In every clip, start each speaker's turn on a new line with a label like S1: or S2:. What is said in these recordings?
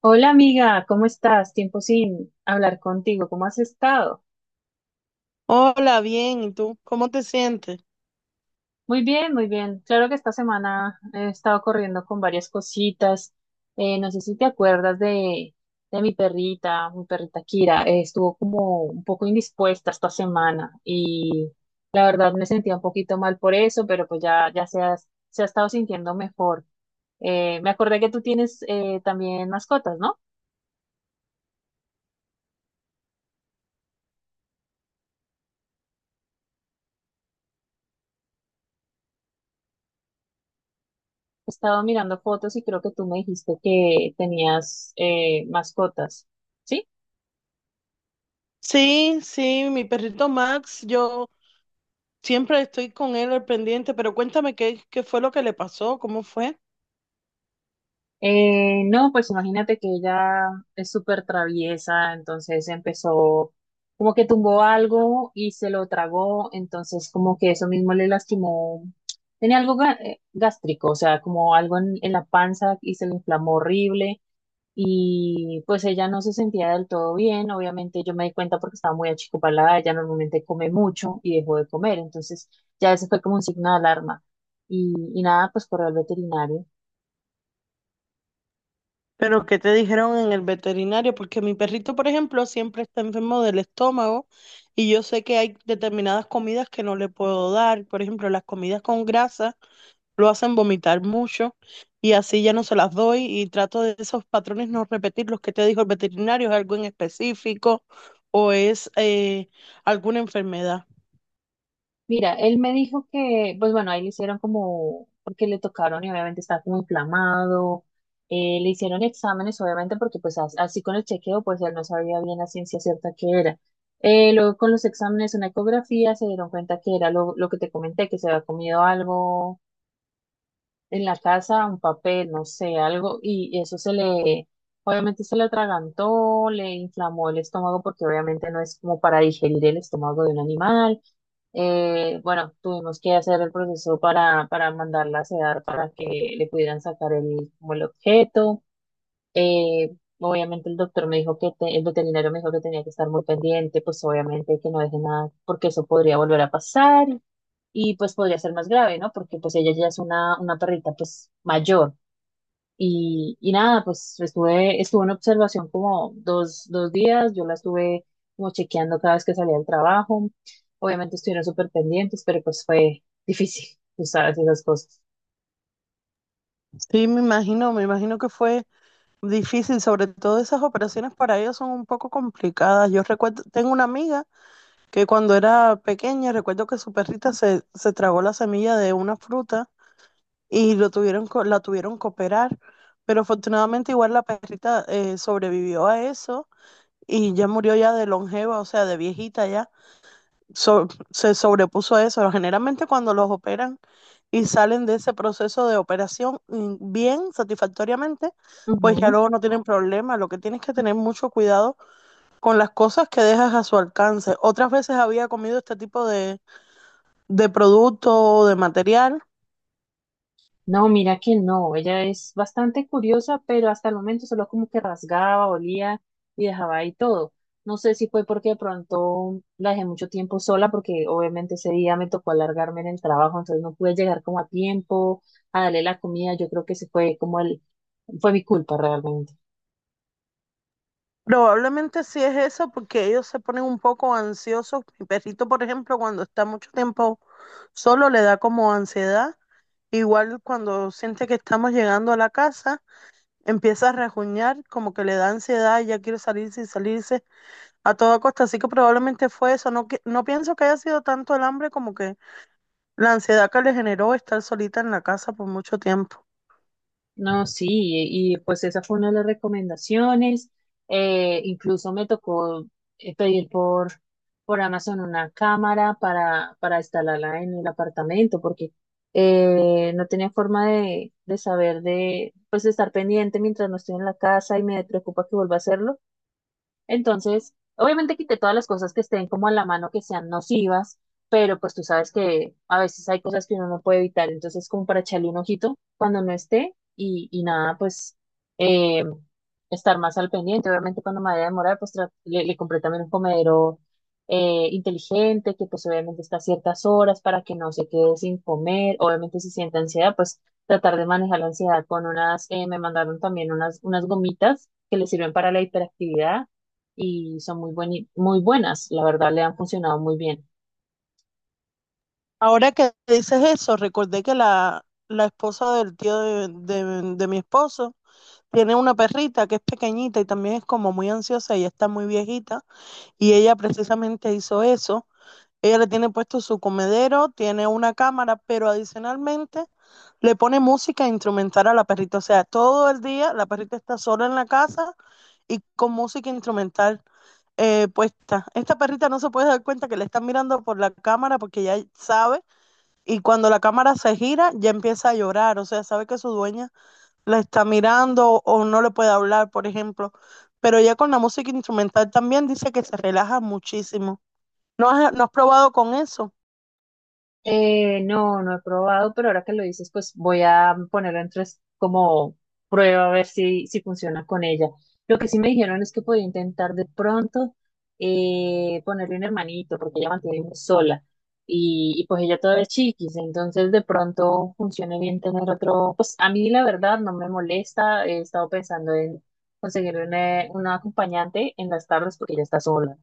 S1: Hola amiga, ¿cómo estás? Tiempo sin hablar contigo, ¿cómo has estado?
S2: Hola, bien, ¿y tú? ¿Cómo te sientes?
S1: Muy bien, muy bien. Claro que esta semana he estado corriendo con varias cositas. No sé si te acuerdas de mi perrita Kira. Estuvo como un poco indispuesta esta semana y la verdad me sentía un poquito mal por eso, pero pues ya se ha estado sintiendo mejor. Me acordé que tú tienes también mascotas, ¿no? Estaba mirando fotos y creo que tú me dijiste que tenías mascotas, ¿sí?
S2: Sí, sí, mi perrito Max, yo siempre estoy con él al pendiente, pero cuéntame qué fue lo que le pasó, cómo fue.
S1: No, pues imagínate que ella es súper traviesa, entonces empezó como que tumbó algo y se lo tragó, entonces como que eso mismo le lastimó. Tenía algo gástrico, o sea, como algo en la panza y se le inflamó horrible. Y pues ella no se sentía del todo bien, obviamente yo me di cuenta porque estaba muy achicopalada, ella normalmente come mucho y dejó de comer, entonces ya ese fue como un signo de alarma. Y nada, pues corrió al veterinario.
S2: Pero qué te dijeron en el veterinario, porque mi perrito, por ejemplo, siempre está enfermo del estómago y yo sé que hay determinadas comidas que no le puedo dar, por ejemplo, las comidas con grasa. Lo hacen vomitar mucho y así ya no se las doy y trato de esos patrones no repetir los que te dijo el veterinario, es algo en específico o es alguna enfermedad.
S1: Mira, él me dijo que, pues bueno, ahí le hicieron como, porque le tocaron y obviamente estaba como inflamado, le hicieron exámenes obviamente porque pues así con el chequeo pues él no sabía bien la ciencia cierta que era. Luego con los exámenes, una ecografía, se dieron cuenta que era lo que te comenté, que se había comido algo en la casa un papel, no sé, algo, y obviamente se le atragantó, le inflamó el estómago porque obviamente no es como para digerir el estómago de un animal. Bueno, tuvimos que hacer el proceso para mandarla a sedar para que le pudieran sacar como el objeto. Eh, Obviamente el veterinario me dijo que tenía que estar muy pendiente, pues obviamente que no deje nada, porque eso podría volver a pasar y pues podría ser más grave, ¿no? Porque pues ella ya es una perrita pues mayor. Y nada, pues estuve en observación como dos días, yo la estuve como chequeando cada vez que salía del trabajo, obviamente estuvieron súper pendientes, pero pues fue difícil, tú sabes, esas cosas.
S2: Sí, me imagino que fue difícil, sobre todo esas operaciones para ellos son un poco complicadas. Yo recuerdo, tengo una amiga que cuando era pequeña, recuerdo que su perrita se tragó la semilla de una fruta y lo tuvieron, la tuvieron que operar, pero afortunadamente igual la perrita sobrevivió a eso y ya murió ya de longeva, o sea, de viejita ya. Se sobrepuso a eso. Generalmente cuando los operan y salen de ese proceso de operación bien, satisfactoriamente, pues ya
S1: Ujú.
S2: luego no tienen problema. Lo que tienes que tener mucho cuidado con las cosas que dejas a su alcance. Otras veces había comido este tipo de producto o de material.
S1: No, mira que no, ella es bastante curiosa, pero hasta el momento solo como que rasgaba, olía y dejaba ahí todo. No sé si fue porque de pronto la dejé mucho tiempo sola, porque obviamente ese día me tocó alargarme en el trabajo, entonces no pude llegar como a tiempo a darle la comida. Yo creo que ese fue mi culpa realmente.
S2: Probablemente sí es eso porque ellos se ponen un poco ansiosos. Mi perrito, por ejemplo, cuando está mucho tiempo solo, le da como ansiedad. Igual cuando siente que estamos llegando a la casa, empieza a rajuñar, como que le da ansiedad y ya quiere salirse y salirse a toda costa. Así que probablemente fue eso. No, no pienso que haya sido tanto el hambre como que la ansiedad que le generó estar solita en la casa por mucho tiempo.
S1: No, sí, y, pues esa fue una de las recomendaciones. Incluso me tocó pedir por Amazon una cámara para instalarla en el apartamento, porque no tenía forma de saber pues de estar pendiente mientras no estoy en la casa y me preocupa que vuelva a hacerlo. Entonces, obviamente quité todas las cosas que estén como a la mano, que sean nocivas, pero pues tú sabes que a veces hay cosas que uno no puede evitar, entonces como para echarle un ojito cuando no esté y nada, pues eh, estar más al pendiente. Obviamente cuando me vaya a demorar, pues le compré también un comedero inteligente, que pues obviamente está a ciertas horas para que no se quede sin comer. Obviamente si siente ansiedad, pues tratar de manejar la ansiedad con me mandaron también unas gomitas que le sirven para la hiperactividad y son muy buenas, la verdad le han funcionado muy bien.
S2: Ahora que dices eso, recordé que la esposa del tío de mi esposo tiene una perrita que es pequeñita y también es como muy ansiosa y está muy viejita. Y ella precisamente hizo eso. Ella le tiene puesto su comedero, tiene una cámara, pero adicionalmente le pone música instrumental a la perrita. O sea, todo el día la perrita está sola en la casa y con música instrumental puesta. Esta perrita no se puede dar cuenta que le están mirando por la cámara porque ya sabe. Y cuando la cámara se gira, ya empieza a llorar. O sea, sabe que su dueña la está mirando o no le puede hablar, por ejemplo. Pero ya con la música instrumental también dice que se relaja muchísimo. ¿¿No has probado con eso?
S1: No, no he probado, pero ahora que lo dices, pues voy a ponerlo en tres como prueba a ver si funciona con ella. Lo que sí me dijeron es que podía intentar de pronto ponerle un hermanito, porque ella mantiene muy sola y pues ella todavía es chiquis, entonces de pronto funcione bien tener otro, pues a mí la verdad no me molesta, he estado pensando en conseguir una acompañante en las tardes porque ella está sola.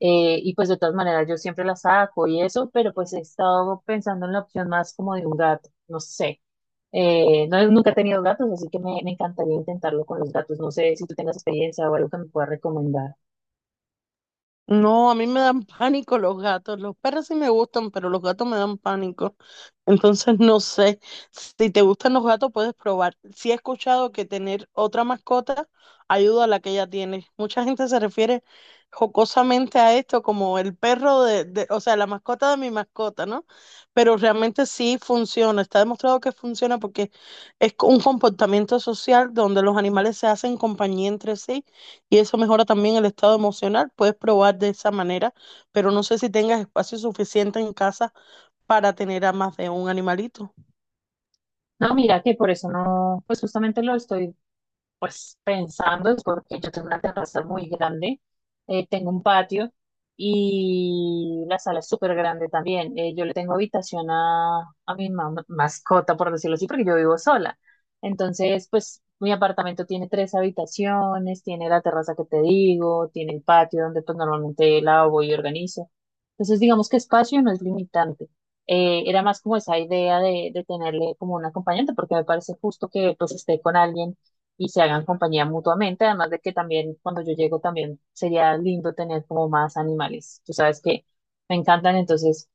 S1: Y pues de todas maneras yo siempre la saco y eso, pero pues he estado pensando en la opción más como de un gato, no sé. No, nunca he tenido gatos, así que me encantaría intentarlo con los gatos. No sé si tú tengas experiencia o algo que me puedas recomendar.
S2: No, a mí me dan pánico los gatos. Los perros sí me gustan, pero los gatos me dan pánico. Entonces, no sé, si te gustan los gatos, puedes probar. Sí he escuchado que tener otra mascota ayuda a la que ya tienes. Mucha gente se refiere jocosamente a esto como el perro o sea, la mascota de mi mascota, ¿no? Pero realmente sí funciona, está demostrado que funciona porque es un comportamiento social donde los animales se hacen compañía entre sí y eso mejora también el estado emocional. Puedes probar de esa manera, pero no sé si tengas espacio suficiente en casa para tener a más de un animalito.
S1: No, mira que por eso no, pues justamente lo estoy Pues pensando es porque yo tengo una terraza muy grande, tengo un patio y la sala es súper grande también. Yo le tengo habitación a mi mascota, por decirlo así, porque yo vivo sola. Entonces, pues mi apartamento tiene tres habitaciones, tiene la terraza que te digo, tiene el patio donde pues normalmente lavo y organizo. Entonces, digamos que espacio no es limitante. Era más como esa idea de tenerle como un acompañante, porque me parece justo que pues esté con alguien y se hagan compañía mutuamente, además de que también cuando yo llego también sería lindo tener como más animales. Tú sabes que me encantan, entonces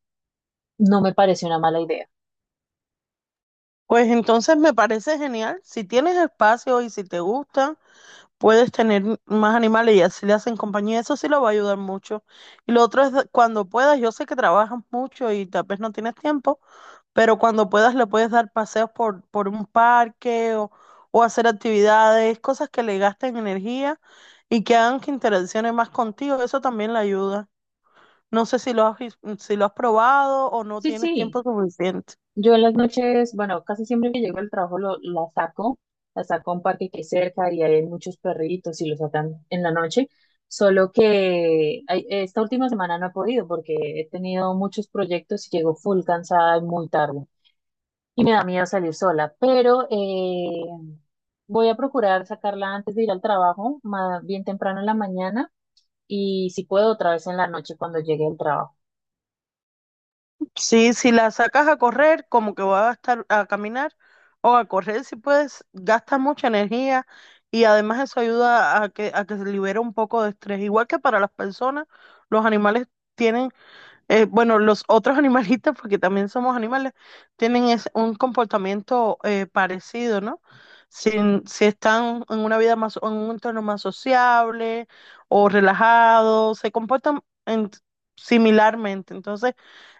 S1: no me parece una mala idea.
S2: Pues entonces me parece genial. Si tienes espacio y si te gusta, puedes tener más animales y así le hacen compañía. Eso sí lo va a ayudar mucho. Y lo otro es cuando puedas, yo sé que trabajas mucho y tal vez no tienes tiempo, pero cuando puedas le puedes dar paseos por un parque o hacer actividades, cosas que le gasten energía y que hagan que interaccione más contigo. Eso también le ayuda. No sé si si lo has probado o no
S1: Sí,
S2: tienes
S1: sí,
S2: tiempo suficiente.
S1: yo en las noches, bueno, casi siempre que llego al trabajo la saco a un parque que hay cerca y hay muchos perritos y los sacan en la noche. Solo que ay, esta última semana no he podido porque he tenido muchos proyectos y llego full cansada y muy tarde. Y me da miedo salir sola, pero voy a procurar sacarla antes de ir al trabajo, más bien temprano en la mañana y si puedo otra vez en la noche cuando llegue al trabajo.
S2: Sí, si la sacas a correr, como que va a estar a caminar o a correr si puedes, gasta mucha energía y además eso ayuda a que se libere un poco de estrés. Igual que para las personas, los animales tienen, bueno, los otros animalistas, porque también somos animales, tienen un comportamiento parecido, ¿no? Si, si están en una vida más, en un entorno más sociable o relajado, se comportan similarmente. Entonces,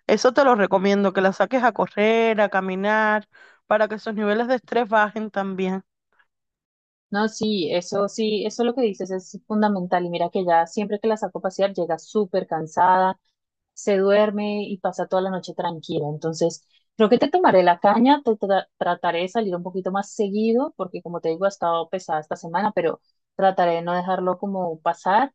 S2: eso te lo recomiendo, que la saques a correr, a caminar, para que esos niveles de estrés bajen también.
S1: No, sí, eso lo que dices es fundamental y mira que ya siempre que la saco a pasear llega súper cansada, se duerme y pasa toda la noche tranquila. Entonces, creo que te tomaré la caña, trataré de salir un poquito más seguido, porque como te digo, ha estado pesada esta semana, pero trataré de no dejarlo como pasar,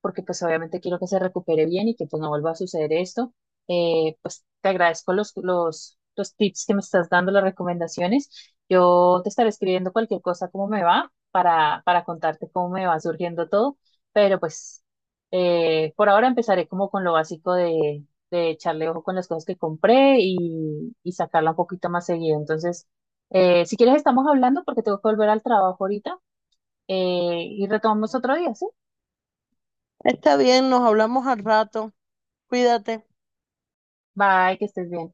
S1: porque pues obviamente quiero que se recupere bien y que pues no vuelva a suceder esto. Pues te agradezco los tips que me estás dando, las recomendaciones. Yo te estaré escribiendo cualquier cosa, cómo me va, para contarte cómo me va surgiendo todo, pero pues... Por ahora empezaré como con lo básico de echarle ojo con las cosas que compré y sacarla un poquito más seguido. Entonces, si quieres, estamos hablando porque tengo que volver al trabajo ahorita y retomamos otro día, ¿sí?
S2: Está bien, nos hablamos al rato. Cuídate.
S1: Bye, que estés bien.